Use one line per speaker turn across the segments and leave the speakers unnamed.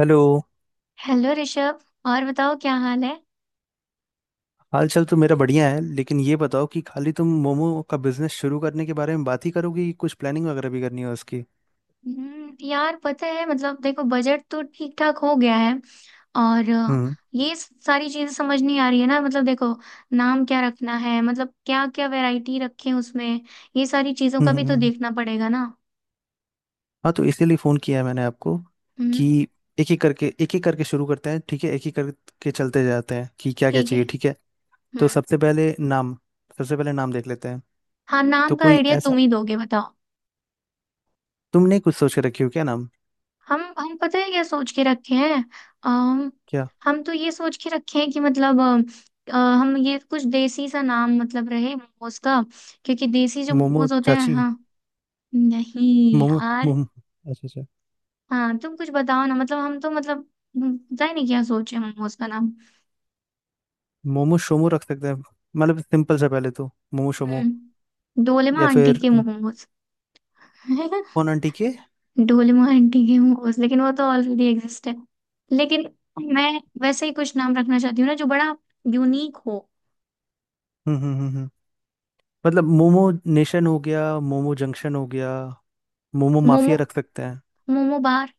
Hello.
Hello Rishabh. और बताओ क्या हाल है।
हाल चाल तो मेरा बढ़िया है, लेकिन ये बताओ कि खाली तुम मोमो का बिजनेस शुरू करने के बारे में बात ही करोगे कि कुछ प्लानिंग वगैरह भी करनी है उसकी।
यार पता है, मतलब देखो बजट तो ठीक ठाक हो गया है। और
हम्म
ये सारी चीजें समझ नहीं आ रही है ना, मतलब देखो नाम क्या रखना है, मतलब क्या क्या वैरायटी रखें उसमें? ये सारी चीजों
हम्म
का भी
हम्म।
तो
हम्म।
देखना पड़ेगा ना।
हाँ, तो इसीलिए फ़ोन किया है मैंने आपको
हम्म।
कि एक एक करके शुरू करते हैं। ठीक है, एक ही करके चलते जाते हैं कि क्या क्या
ठीक है।
चाहिए। ठीक है, तो
हम्म।
सबसे पहले नाम, देख लेते हैं।
हाँ, नाम
तो
का
कोई
आइडिया
ऐसा,
तुम ही दोगे, बताओ।
तुमने कुछ सोच के रखी हो क्या नाम?
हम पता है क्या सोच के रखे हैं। अम,
क्या
हम तो ये सोच के रखे हैं कि मतलब हम ये कुछ देसी सा नाम मतलब रहे मोमोज का। क्योंकि देसी जो
मोमो
मोमोज होते हैं।
चाची?
हाँ। नहीं
मोमो
यार।
मोमो अच्छा अच्छा,
हाँ, तुम कुछ बताओ ना, मतलब हम तो मतलब। पता ही नहीं क्या सोचे मोमोज का नाम।
मोमो शोमो रख सकते हैं। मतलब सिंपल सा, पहले तो मोमो शोमो,
डोलेमा
या
आंटी
फिर
के मोमोज। है ना?
कौन आंटी के?
डोलेमा आंटी के मोमोज, लेकिन वो तो ऑलरेडी एग्जिस्ट है। लेकिन मैं वैसे ही कुछ नाम रखना चाहती हूँ ना जो बड़ा यूनिक हो।
हम्म हम्म हम्म। मतलब मोमो नेशन हो गया, मोमो जंक्शन हो गया, मोमो
मोमो,
माफिया रख सकते हैं।
मोमो बार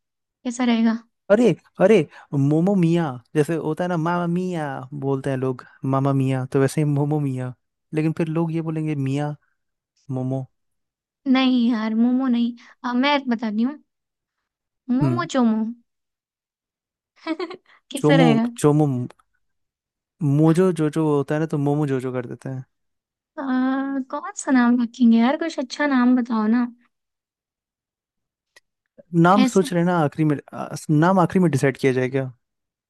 कैसा रहेगा?
अरे, अरे, मोमो मिया! जैसे होता है ना मामा मिया, बोलते हैं लोग मामा मिया, तो वैसे ही मोमो मिया। लेकिन फिर लोग ये बोलेंगे मिया मोमो।
नहीं यार, मोमो नहीं। मैं बताती हूँ। मोमो
हम्म।
चोमो। कैसा
चोमो,
रहेगा?
चोमो, मोजो जोजो होता है ना, तो मोमो जोजो कर देते हैं।
अ, कौन सा नाम रखेंगे यार, कुछ अच्छा नाम बताओ ना।
नाम
ऐसा।
सोच रहे हैं ना, आखिरी में नाम आखिरी में डिसाइड किया जाएगा।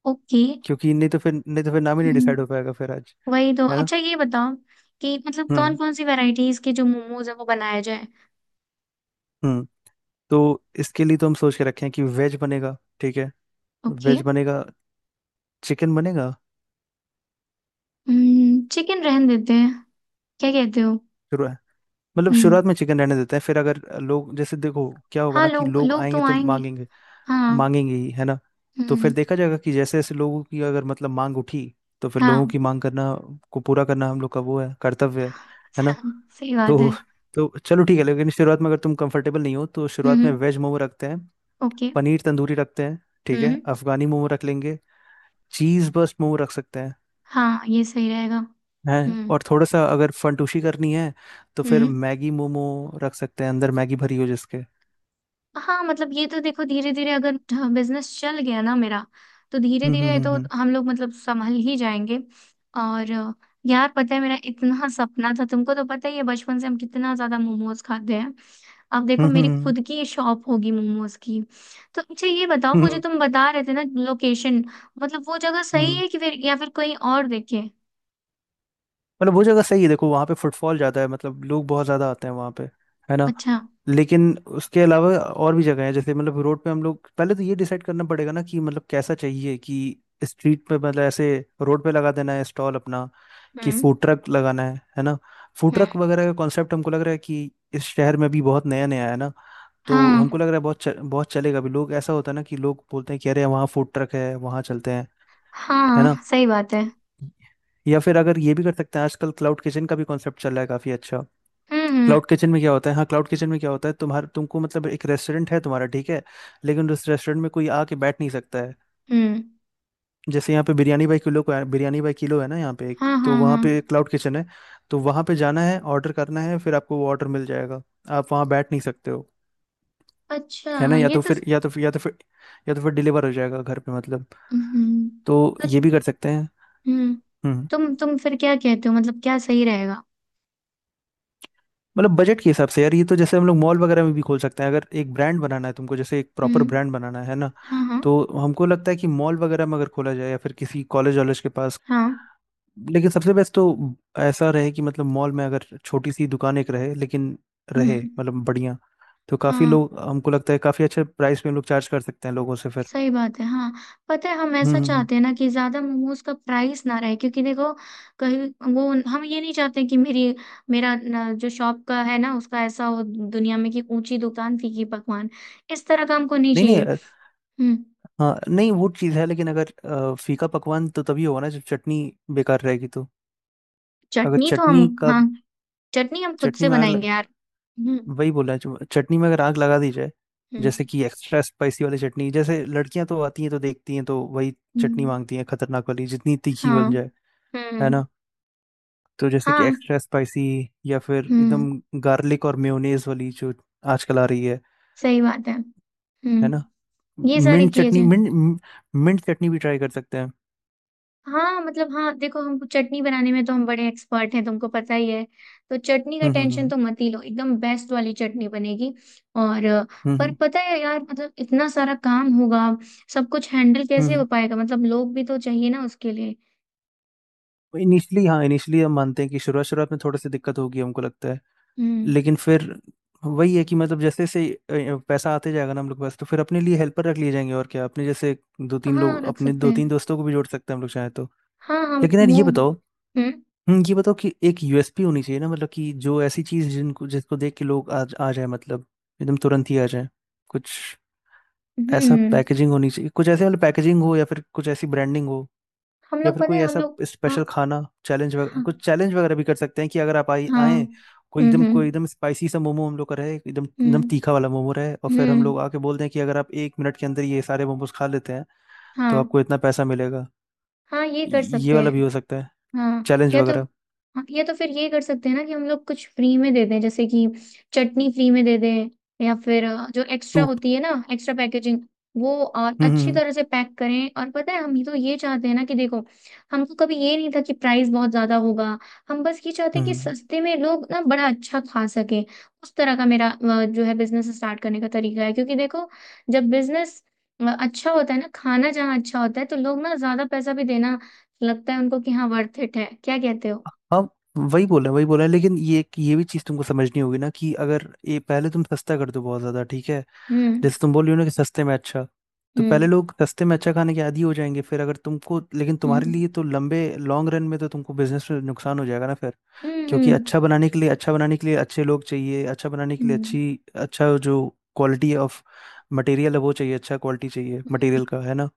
ओके।
क्योंकि नहीं तो फिर नाम ही नहीं डिसाइड हो
हम्म,
पाएगा फिर आज।
वही तो।
है ना?
अच्छा ये बताओ कि मतलब कौन
हम्म
कौन सी वैरायटीज के जो मोमोज है वो बनाया जाए।
हम्म। तो इसके लिए तो हम सोच के रखे हैं कि वेज बनेगा, ठीक है?
ओके।
वेज बनेगा, चिकन बनेगा।
चिकन रहन देते हैं, क्या कहते हो?
शुरू मतलब
हम्म।
शुरुआत में चिकन रहने देते हैं, फिर अगर लोग, जैसे देखो क्या होगा
हाँ,
ना कि
लोग
लोग
लोग
आएंगे
तो
तो
आएंगे।
मांगेंगे।
हाँ।
मांगेंगे ही, है ना? तो फिर
हम्म।
देखा जाएगा कि जैसे जैसे लोगों की अगर मतलब मांग उठी, तो फिर
हाँ।
लोगों की मांग करना को पूरा करना हम लोग का वो है, कर्तव्य है। है ना?
सही बात है।
तो तो चलो ठीक है, लेकिन शुरुआत में अगर तुम कंफर्टेबल नहीं हो तो शुरुआत
हम्म।
में वेज मोमो रखते हैं,
ओके।
पनीर तंदूरी रखते हैं, ठीक है?
हम्म।
अफगानी मोमो रख लेंगे, चीज बस्ट मोमो रख सकते हैं।
हाँ, ये सही रहेगा।
है?
हम्म।
और थोड़ा सा अगर फंटूशी करनी है तो फिर
हम्म।
मैगी मोमो रख सकते हैं, अंदर मैगी भरी हो जिसके।
हाँ मतलब ये तो देखो, धीरे धीरे अगर बिजनेस चल गया ना मेरा, तो धीरे
हम्म
धीरे
हम्म
तो
हम्म
हम लोग मतलब संभल ही जाएंगे। और यार पता है, मेरा इतना सपना था, तुमको तो पता ही है बचपन से हम कितना ज्यादा मोमोज खाते हैं। अब देखो,
हम्म
मेरी
हम्म
खुद की शॉप होगी मोमोज की। तो अच्छा ये बताओ,
हम्म, हम्म,
वो जो
हम्म।
तुम बता रहे थे ना लोकेशन, मतलब वो जगह सही
हम्म।
है कि फिर या फिर कोई और देखे?
मतलब वो जगह सही है, देखो वहाँ पे फुटफॉल ज़्यादा है, मतलब लोग बहुत ज़्यादा आते हैं वहाँ पे। है ना?
अच्छा।
लेकिन उसके अलावा और भी जगह है, जैसे मतलब रोड पे, हम लोग पहले तो ये डिसाइड करना पड़ेगा ना कि मतलब कैसा चाहिए कि स्ट्रीट पे, मतलब ऐसे रोड पे लगा देना है स्टॉल अपना, कि
हम्म।
फूड ट्रक लगाना है। है ना? Food
hmm.
ट्रक वगैरह का कॉन्सेप्ट हमको लग रहा है कि इस शहर में भी बहुत नया नया है, ना? तो
हाँ।
हमको लग रहा है बहुत बहुत चलेगा अभी। लोग, ऐसा होता है ना कि लोग बोलते हैं कि अरे वहाँ फूड ट्रक है, वहाँ चलते हैं। है ना?
हाँ सही बात है।
या फिर अगर ये भी कर सकते हैं, आजकल क्लाउड किचन का भी कॉन्सेप्ट चल रहा है काफी अच्छा।
हम्म। हम्म।
क्लाउड किचन में क्या होता है, हाँ, क्लाउड किचन में क्या होता है, तुम्हारे तुमको मतलब एक रेस्टोरेंट है तुम्हारा, ठीक है? लेकिन उस रेस्टोरेंट में कोई आके बैठ नहीं सकता है।
हम्म।
जैसे यहाँ पे बिरयानी बाई किलो को, बिरयानी बाई किलो है ना यहाँ पे एक,
हाँ,
तो
हाँ, हाँ।
वहाँ पे क्लाउड किचन है। तो वहाँ पे जाना है, ऑर्डर करना है, फिर आपको वो ऑर्डर मिल जाएगा, आप वहाँ बैठ नहीं सकते हो।
अच्छा।
है ना? या
ये
तो
तो।
फिर या तो फिर या तो फिर या तो फिर डिलीवर हो जाएगा घर पे, मतलब।
हम्म।
तो ये भी
मतलब।
कर सकते हैं।
हम्म।
हम्म।
तुम फिर क्या कहते हो, मतलब क्या सही रहेगा?
मतलब बजट के हिसाब से यार, ये तो जैसे हम लोग मॉल वगैरह में भी खोल सकते हैं, अगर एक ब्रांड बनाना है तुमको, जैसे एक प्रॉपर
हम्म।
ब्रांड बनाना है ना।
हाँ, हाँ।
तो हमको लगता है कि मॉल वगैरह में अगर खोला जाए, या फिर किसी कॉलेज वॉलेज के पास।
हाँ।
लेकिन सबसे बेस्ट तो ऐसा रहे कि मतलब मॉल में अगर छोटी सी दुकान एक रहे, लेकिन रहे
हम्म।
मतलब बढ़िया। तो काफ़ी
हाँ
लोग, हमको लगता है काफ़ी अच्छे प्राइस पे हम लोग चार्ज कर सकते हैं लोगों से फिर।
सही बात है, हाँ। पता है, हम
हम्म
ऐसा
हम्म, हम्म।
चाहते हैं ना कि ज्यादा मोमोज का प्राइस ना रहे, क्योंकि देखो कहीं वो, हम ये नहीं चाहते कि मेरी, मेरा न, जो शॉप का है ना, उसका ऐसा हो दुनिया में कि ऊंची दुकान फीकी पकवान। इस तरह का हमको नहीं
नहीं नहीं,
चाहिए। हम्म।
हाँ नहीं वो चीज़ है लेकिन अगर फीका पकवान तो तभी होगा ना जब चटनी बेकार रहेगी तो। अगर
चटनी तो हम।
चटनी का,
हाँ। चटनी हम खुद
चटनी
से
में आग लग,
बनाएंगे यार। हम्म,
वही बोला है जो, चटनी में अगर आग लगा दी जाए,
हम्म,
जैसे कि एक्स्ट्रा स्पाइसी वाली चटनी, जैसे लड़कियां तो आती हैं, तो देखती हैं तो वही चटनी
हम्म।
मांगती हैं, खतरनाक वाली, जितनी तीखी
हाँ।
बन जाए। है
हम्म।
ना? तो जैसे कि
हाँ।
एक्स्ट्रा स्पाइसी, या फिर
हम्म।
एकदम गार्लिक और मेयोनेज वाली जो आजकल आ रही है।
सही बात है।
है
हम्म।
ना?
ये सारी
मिंट
किए
चटनी,
जाए।
मिंट मिंट चटनी भी ट्राई कर सकते हैं।
हाँ मतलब हाँ, देखो हमको चटनी बनाने में तो हम बड़े एक्सपर्ट हैं, तुमको पता ही है। तो चटनी का
हम्म हम्म
टेंशन
हम्म
तो मत ही लो, एकदम बेस्ट वाली चटनी बनेगी। और
हम्म
पर
हम्म
पता है यार, मतलब इतना सारा काम होगा, सब कुछ हैंडल
हम्म,
कैसे हो
हम्म।
पाएगा? मतलब लोग भी तो चाहिए ना उसके लिए।
इनिशियली, हाँ इनिशियली हम मानते हैं कि शुरुआत, शुरुआत में थोड़ी सी दिक्कत होगी, हमको लगता है।
हम्म।
लेकिन फिर वही है कि मतलब जैसे जैसे पैसा आते जाएगा ना हम लोग के पास, तो फिर अपने लिए हेल्पर रख लिए जाएंगे, और क्या, अपने जैसे दो तीन
हाँ,
लोग,
रख
अपने
सकते
दो तीन
हैं।
दोस्तों को भी जोड़ सकते हैं हम लोग चाहे तो।
हाँ, हाँ।
लेकिन यार
वो,
ये बताओ,
हम्म।
ये बताओ कि एक यूएसपी होनी चाहिए ना, मतलब कि जो ऐसी चीज जिनको जिसको देख के लोग आ जाए, मतलब एकदम तुरंत ही आ जाए। कुछ ऐसा
हम्म
पैकेजिंग होनी चाहिए, कुछ ऐसे वाला पैकेजिंग हो, या फिर कुछ ऐसी ब्रांडिंग हो,
हम
या
लोग
फिर
पता
कोई
है, हम
ऐसा
लोग। हाँ,
स्पेशल खाना चैलेंज वगैरह,
हाँ,
कुछ चैलेंज वगैरह भी कर सकते हैं कि अगर आप आए
हाँ।
आए, कोई
हम्म,
एकदम,
हम्म,
स्पाइसी सा मोमो हम लोग का रहे, एकदम, एकदम
हम्म,
तीखा वाला मोमो रहे, और फिर हम
हम्म।
लोग आके बोल दें कि अगर आप एक मिनट के अंदर ये सारे मोमोज खा लेते हैं,
हाँ।
तो आपको इतना पैसा मिलेगा।
हाँ, ये कर
ये
सकते
वाला भी
हैं।
हो सकता है,
हाँ।
चैलेंज
या तो।
वगैरह।
हाँ, या तो फिर ये कर सकते हैं ना कि हम लोग कुछ फ्री में दे दें, जैसे कि चटनी फ्री में दे दें। या फिर जो एक्स्ट्रा
टू,
होती है ना, एक्स्ट्रा पैकेजिंग वो और
हम्म हम्म
अच्छी
हम्म।
तरह से पैक करें। और पता है, हम ये तो ये चाहते हैं ना कि देखो, हमको कभी ये नहीं था कि प्राइस बहुत ज्यादा होगा। हम बस ये चाहते हैं
हम्म,
कि
हम्म।
सस्ते में लोग ना बड़ा अच्छा खा सके। उस तरह का मेरा जो है बिजनेस स्टार्ट करने का तरीका है, क्योंकि देखो जब बिजनेस अच्छा होता है ना, खाना जहाँ अच्छा होता है तो लोग ना ज्यादा पैसा भी देना, लगता है उनको कि हाँ वर्थ इट है। क्या कहते हो?
हाँ वही बोल रहे हैं, लेकिन ये भी चीज़ तुमको समझनी होगी ना कि अगर ये, पहले तुम सस्ता कर दो बहुत ज़्यादा, ठीक है?
हम्म,
जैसे तुम बोल रही हो ना कि सस्ते में अच्छा, तो पहले
हम्म,
लोग सस्ते में अच्छा खाने के आदी हो जाएंगे, फिर अगर तुमको, लेकिन तुम्हारे
हम्म,
लिए तो लंबे लॉन्ग रन में तो तुमको बिजनेस में नुकसान हो जाएगा ना फिर।
हम्म,
क्योंकि
हम्म,
अच्छा बनाने के लिए, अच्छे लोग चाहिए, अच्छा बनाने के लिए
हम्म,
अच्छी, अच्छा जो क्वालिटी ऑफ मटेरियल है वो चाहिए, अच्छा क्वालिटी चाहिए मटेरियल का। है ना?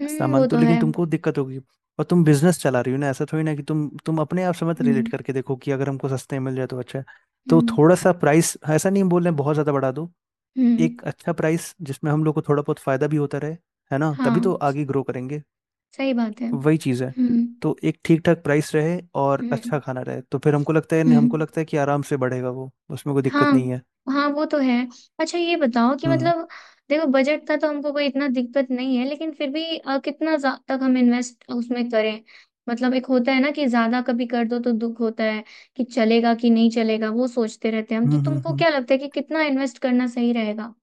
हम्म। वो
सामान तो,
तो
लेकिन
है।
तुमको दिक्कत होगी। और तुम बिजनेस चला रही हो ना, ऐसा थोड़ी ना कि तुम अपने आप से मत रिलेट
हम्म,
करके देखो कि अगर हमको सस्ते में मिल जाए तो अच्छा है। तो
हम्म,
थोड़ा सा प्राइस, ऐसा नहीं बोल रहे हैं बहुत ज़्यादा बढ़ा दो,
हम्म।
एक अच्छा प्राइस जिसमें हम लोग को थोड़ा बहुत फायदा भी होता रहे। है ना,
हाँ
तभी तो आगे ग्रो करेंगे।
सही बात है।
वही चीज़ है।
हम्म,
तो एक ठीक ठाक प्राइस रहे और अच्छा
हम्म,
खाना रहे, तो फिर हमको लगता है, नहीं हमको
हम्म।
लगता है कि आराम से बढ़ेगा वो, उसमें कोई
हाँ,
दिक्कत नहीं है।
हाँ, वो तो है। अच्छा ये बताओ कि
हम्म
मतलब देखो बजट का तो हमको कोई इतना दिक्कत नहीं है, लेकिन फिर भी कितना तक हम इन्वेस्ट उसमें करें। मतलब एक होता है ना कि ज्यादा कभी कर दो तो दुख होता है कि चलेगा कि नहीं चलेगा, वो सोचते रहते हैं हम, तो
हम्म हम्म
तुमको
हम्म
क्या लगता है कि कितना इन्वेस्ट करना सही रहेगा?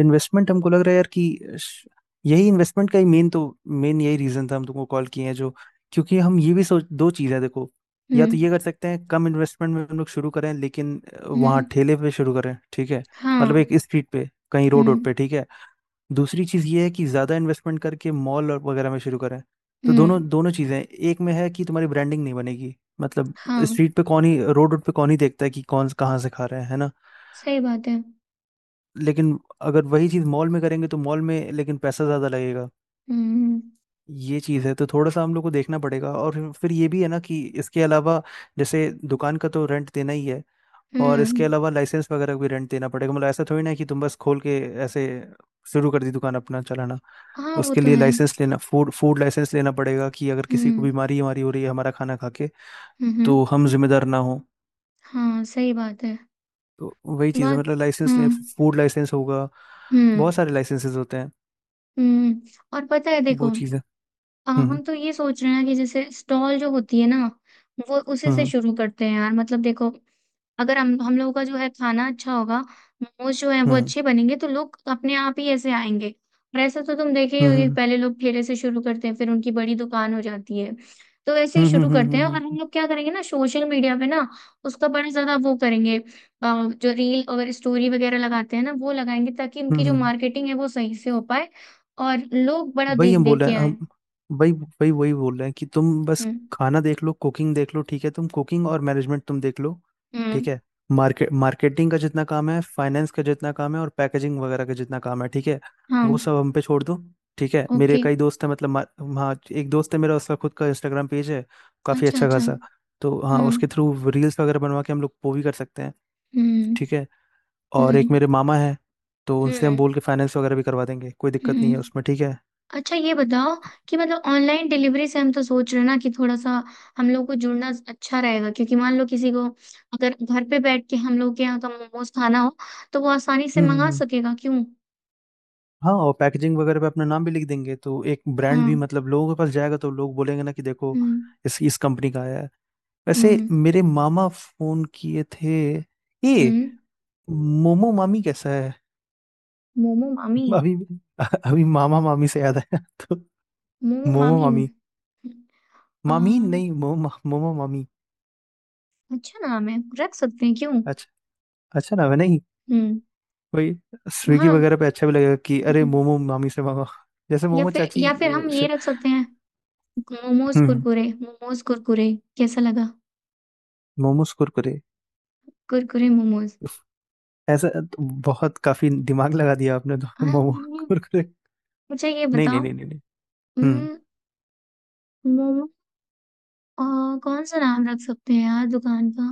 इन्वेस्टमेंट हमको लग रहा है यार कि श- यही इन्वेस्टमेंट का ही मेन तो, मेन यही रीजन था हम तुमको कॉल किए हैं जो। क्योंकि हम ये भी सोच, दो चीज़ है देखो, या तो
हम्म,
ये कर सकते हैं कम इन्वेस्टमेंट में हम लोग शुरू करें, लेकिन वहाँ
हम्म।
ठेले पे शुरू करें, ठीक है?
हाँ।
मतलब एक स्ट्रीट पे, कहीं रोड,
हम्म,
रोड पे ठीक है। दूसरी चीज़ ये है कि ज़्यादा इन्वेस्टमेंट करके मॉल और वगैरह में शुरू करें। तो
हम्म।
दोनों दोनों चीज़ें हैं। एक में है कि तुम्हारी ब्रांडिंग नहीं बनेगी, मतलब
हाँ
स्ट्रीट पे कौन ही, रोड, रोड पे कौन ही देखता है कि कौन कहाँ से खा रहा है। है ना?
सही बात है।
लेकिन अगर वही चीज़ मॉल में करेंगे तो मॉल में लेकिन पैसा ज़्यादा लगेगा।
हम्म,
ये चीज़ है, तो थोड़ा सा हम लोग को देखना पड़ेगा। और फिर, ये भी है ना कि इसके अलावा, जैसे दुकान का तो रेंट देना ही है, और
हम्म।
इसके अलावा लाइसेंस वगैरह भी रेंट देना पड़ेगा। मतलब ऐसा थोड़ी ना है कि तुम बस खोल के ऐसे शुरू कर दी दुकान, अपना चलाना।
हाँ, वो
उसके
तो
लिए
है।
लाइसेंस लेना, फूड फूड लाइसेंस लेना पड़ेगा, कि अगर किसी को
हम्म,
बीमारी हमारी हो रही है हमारा खाना खा के,
हम्म, हम्म।
तो हम जिम्मेदार ना हो।
हाँ सही बात है,
तो वही चीज़ है,
बात
मतलब लाइसेंस
हाँ।
ले, फूड लाइसेंस होगा।
हुँ,
बहुत सारे लाइसेंसेस होते हैं,
हुँ। और पता है देखो,
वो चीज़ें। हम्म
हम तो ये सोच रहे हैं कि जैसे स्टॉल जो होती है ना, वो उसी से
हम्म
शुरू करते हैं यार, मतलब देखो अगर हम लोगों का जो है खाना अच्छा होगा, मोमोज जो है वो
हम्म
अच्छे बनेंगे, तो लोग अपने आप ही ऐसे आएंगे। और ऐसा तो तुम देखे ही होगे,
हम्म
पहले लोग ठेले से शुरू करते हैं फिर उनकी बड़ी दुकान हो जाती है। तो ऐसे ही
हम्म हम्म
शुरू
हम्म
करते
हम्म
हैं।
हम्म
और हम
हम्म
लोग क्या करेंगे ना, सोशल मीडिया पे ना उसका बड़ा ज्यादा वो करेंगे। जो रील और स्टोरी वगैरह लगाते हैं ना, वो लगाएंगे ताकि
हम्म,
उनकी जो
हम्म,
मार्केटिंग है वो सही से हो पाए। और लोग बड़ा
वही
देख
हम बोल
देख
रहे
के
हैं,
आए।
हम वही, वही वही बोल रहे हैं कि तुम बस
हुँ,
खाना देख लो, कुकिंग देख लो, ठीक है? तुम कुकिंग और मैनेजमेंट तुम देख लो,
हुँ,
ठीक है? मार्केट, मार्केटिंग का जितना काम है, फाइनेंस का जितना काम है, और पैकेजिंग वगैरह का जितना काम है, ठीक है,
हाँ,
वो सब हम पे छोड़ दो। ठीक है, मेरे
ओके,
कई दोस्त हैं, मतलब हाँ एक दोस्त है मेरा, उसका खुद का इंस्टाग्राम पेज है, काफ़ी
अच्छा,
अच्छा
अच्छा,
खासा। तो हाँ,
हाँ,
उसके थ्रू रील्स वगैरह बनवा के हम लोग वो भी कर सकते हैं,
हुँ,
ठीक है? और एक
हुँ,
मेरे मामा है, तो उनसे हम
हुँ,
बोल के फाइनेंस वगैरह भी करवा देंगे, कोई दिक्कत नहीं
हुँ।
है उसमें, ठीक है?
अच्छा ये बताओ कि मतलब ऑनलाइन डिलीवरी से हम तो सोच रहे हैं ना कि थोड़ा-सा हम लोग को जुड़ना अच्छा रहेगा, क्योंकि मान लो किसी को अगर घर पे बैठ के हम लोग के यहाँ का मोमोज़ खाना हो, तो वो आसानी से
हम्म हम्म,
मँगा
हम्म।
सकेगा, क्यों?
हाँ, और पैकेजिंग वगैरह पे अपना नाम भी लिख देंगे, तो एक ब्रांड
हाँ,
भी मतलब लोगों के पास जाएगा, तो लोग बोलेंगे ना कि देखो
हुँ,
इस कंपनी का आया है। वैसे
हुँ,
मेरे मामा फोन किए थे,
हुँ।
ये मोमो मामी कैसा है?
मोमो मामी,
अभी, मामा मामी से याद आया। तो
मोमो
मोमो
मामी।
मामी।
अ,
मामी नहीं, मोमो, मामी।
अच्छा नाम है, रख सकते हैं, क्यों?
अच्छा, अच्छा नाम है नहीं?
हुँ।
वही स्विगी
हाँ।
वगैरह पे अच्छा भी लगेगा कि अरे
हम्म।
मोमो मामी से मांगो, जैसे
या
मोमो
फिर
चाची।
या फिर
अ,
हम
श-
ये रख सकते हैं, मोमोज
हम्म,
कुरकुरे, मोमोज कुरकुरे, कैसा लगा?
मोमोज कुरकुरे,
कुरकुरे मोमोज।
ऐसा तो बहुत काफी दिमाग लगा दिया आपने तो।
हाँ,
मोमो
ये-
कुरकुरे?
मुझे ये
नहीं नहीं
बताओ।
नहीं नहीं नहीं। हम्म।
हम्म, मोमो, अ, कौन सा नाम रख सकते हैं यार दुकान का?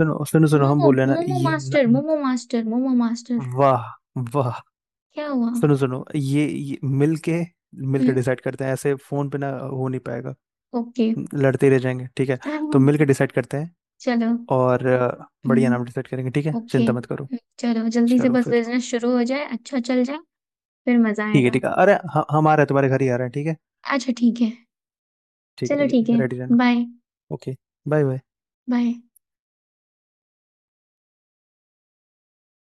सुनो सुनो सुनो, हम
मोमो,
बोल रहे हैं ना,
मोमो
ये न,
मास्टर,
न-
मोमो मास्टर, मोमो मास्टर।
वाह, वाह।
क्या हुआ?
सुनो सुनो, ये मिल के,
हम्म।
डिसाइड करते हैं, ऐसे फोन पे ना हो नहीं पाएगा,
ओके।
लड़ते रह जाएंगे, ठीक है? तो
हम्म,
मिल के डिसाइड करते हैं,
चलो।
और बढ़िया नाम डिसाइड
हम्म।
करेंगे, ठीक है,
ओके,
चिंता मत करो।
चलो जल्दी से
चलो
बस
फिर,
बिजनेस शुरू हो जाए, अच्छा चल जाए। फिर मजा
ठीक है
आएगा।
ठीक है, अरे हम आ रहे हैं, तुम्हारे घर ही आ रहे हैं, ठीक है?
अच्छा ठीक है।
ठीक है
चलो
ठीक
ठीक है।
है, रेडी रहना।
Bye.
Okay, bye bye.
Bye.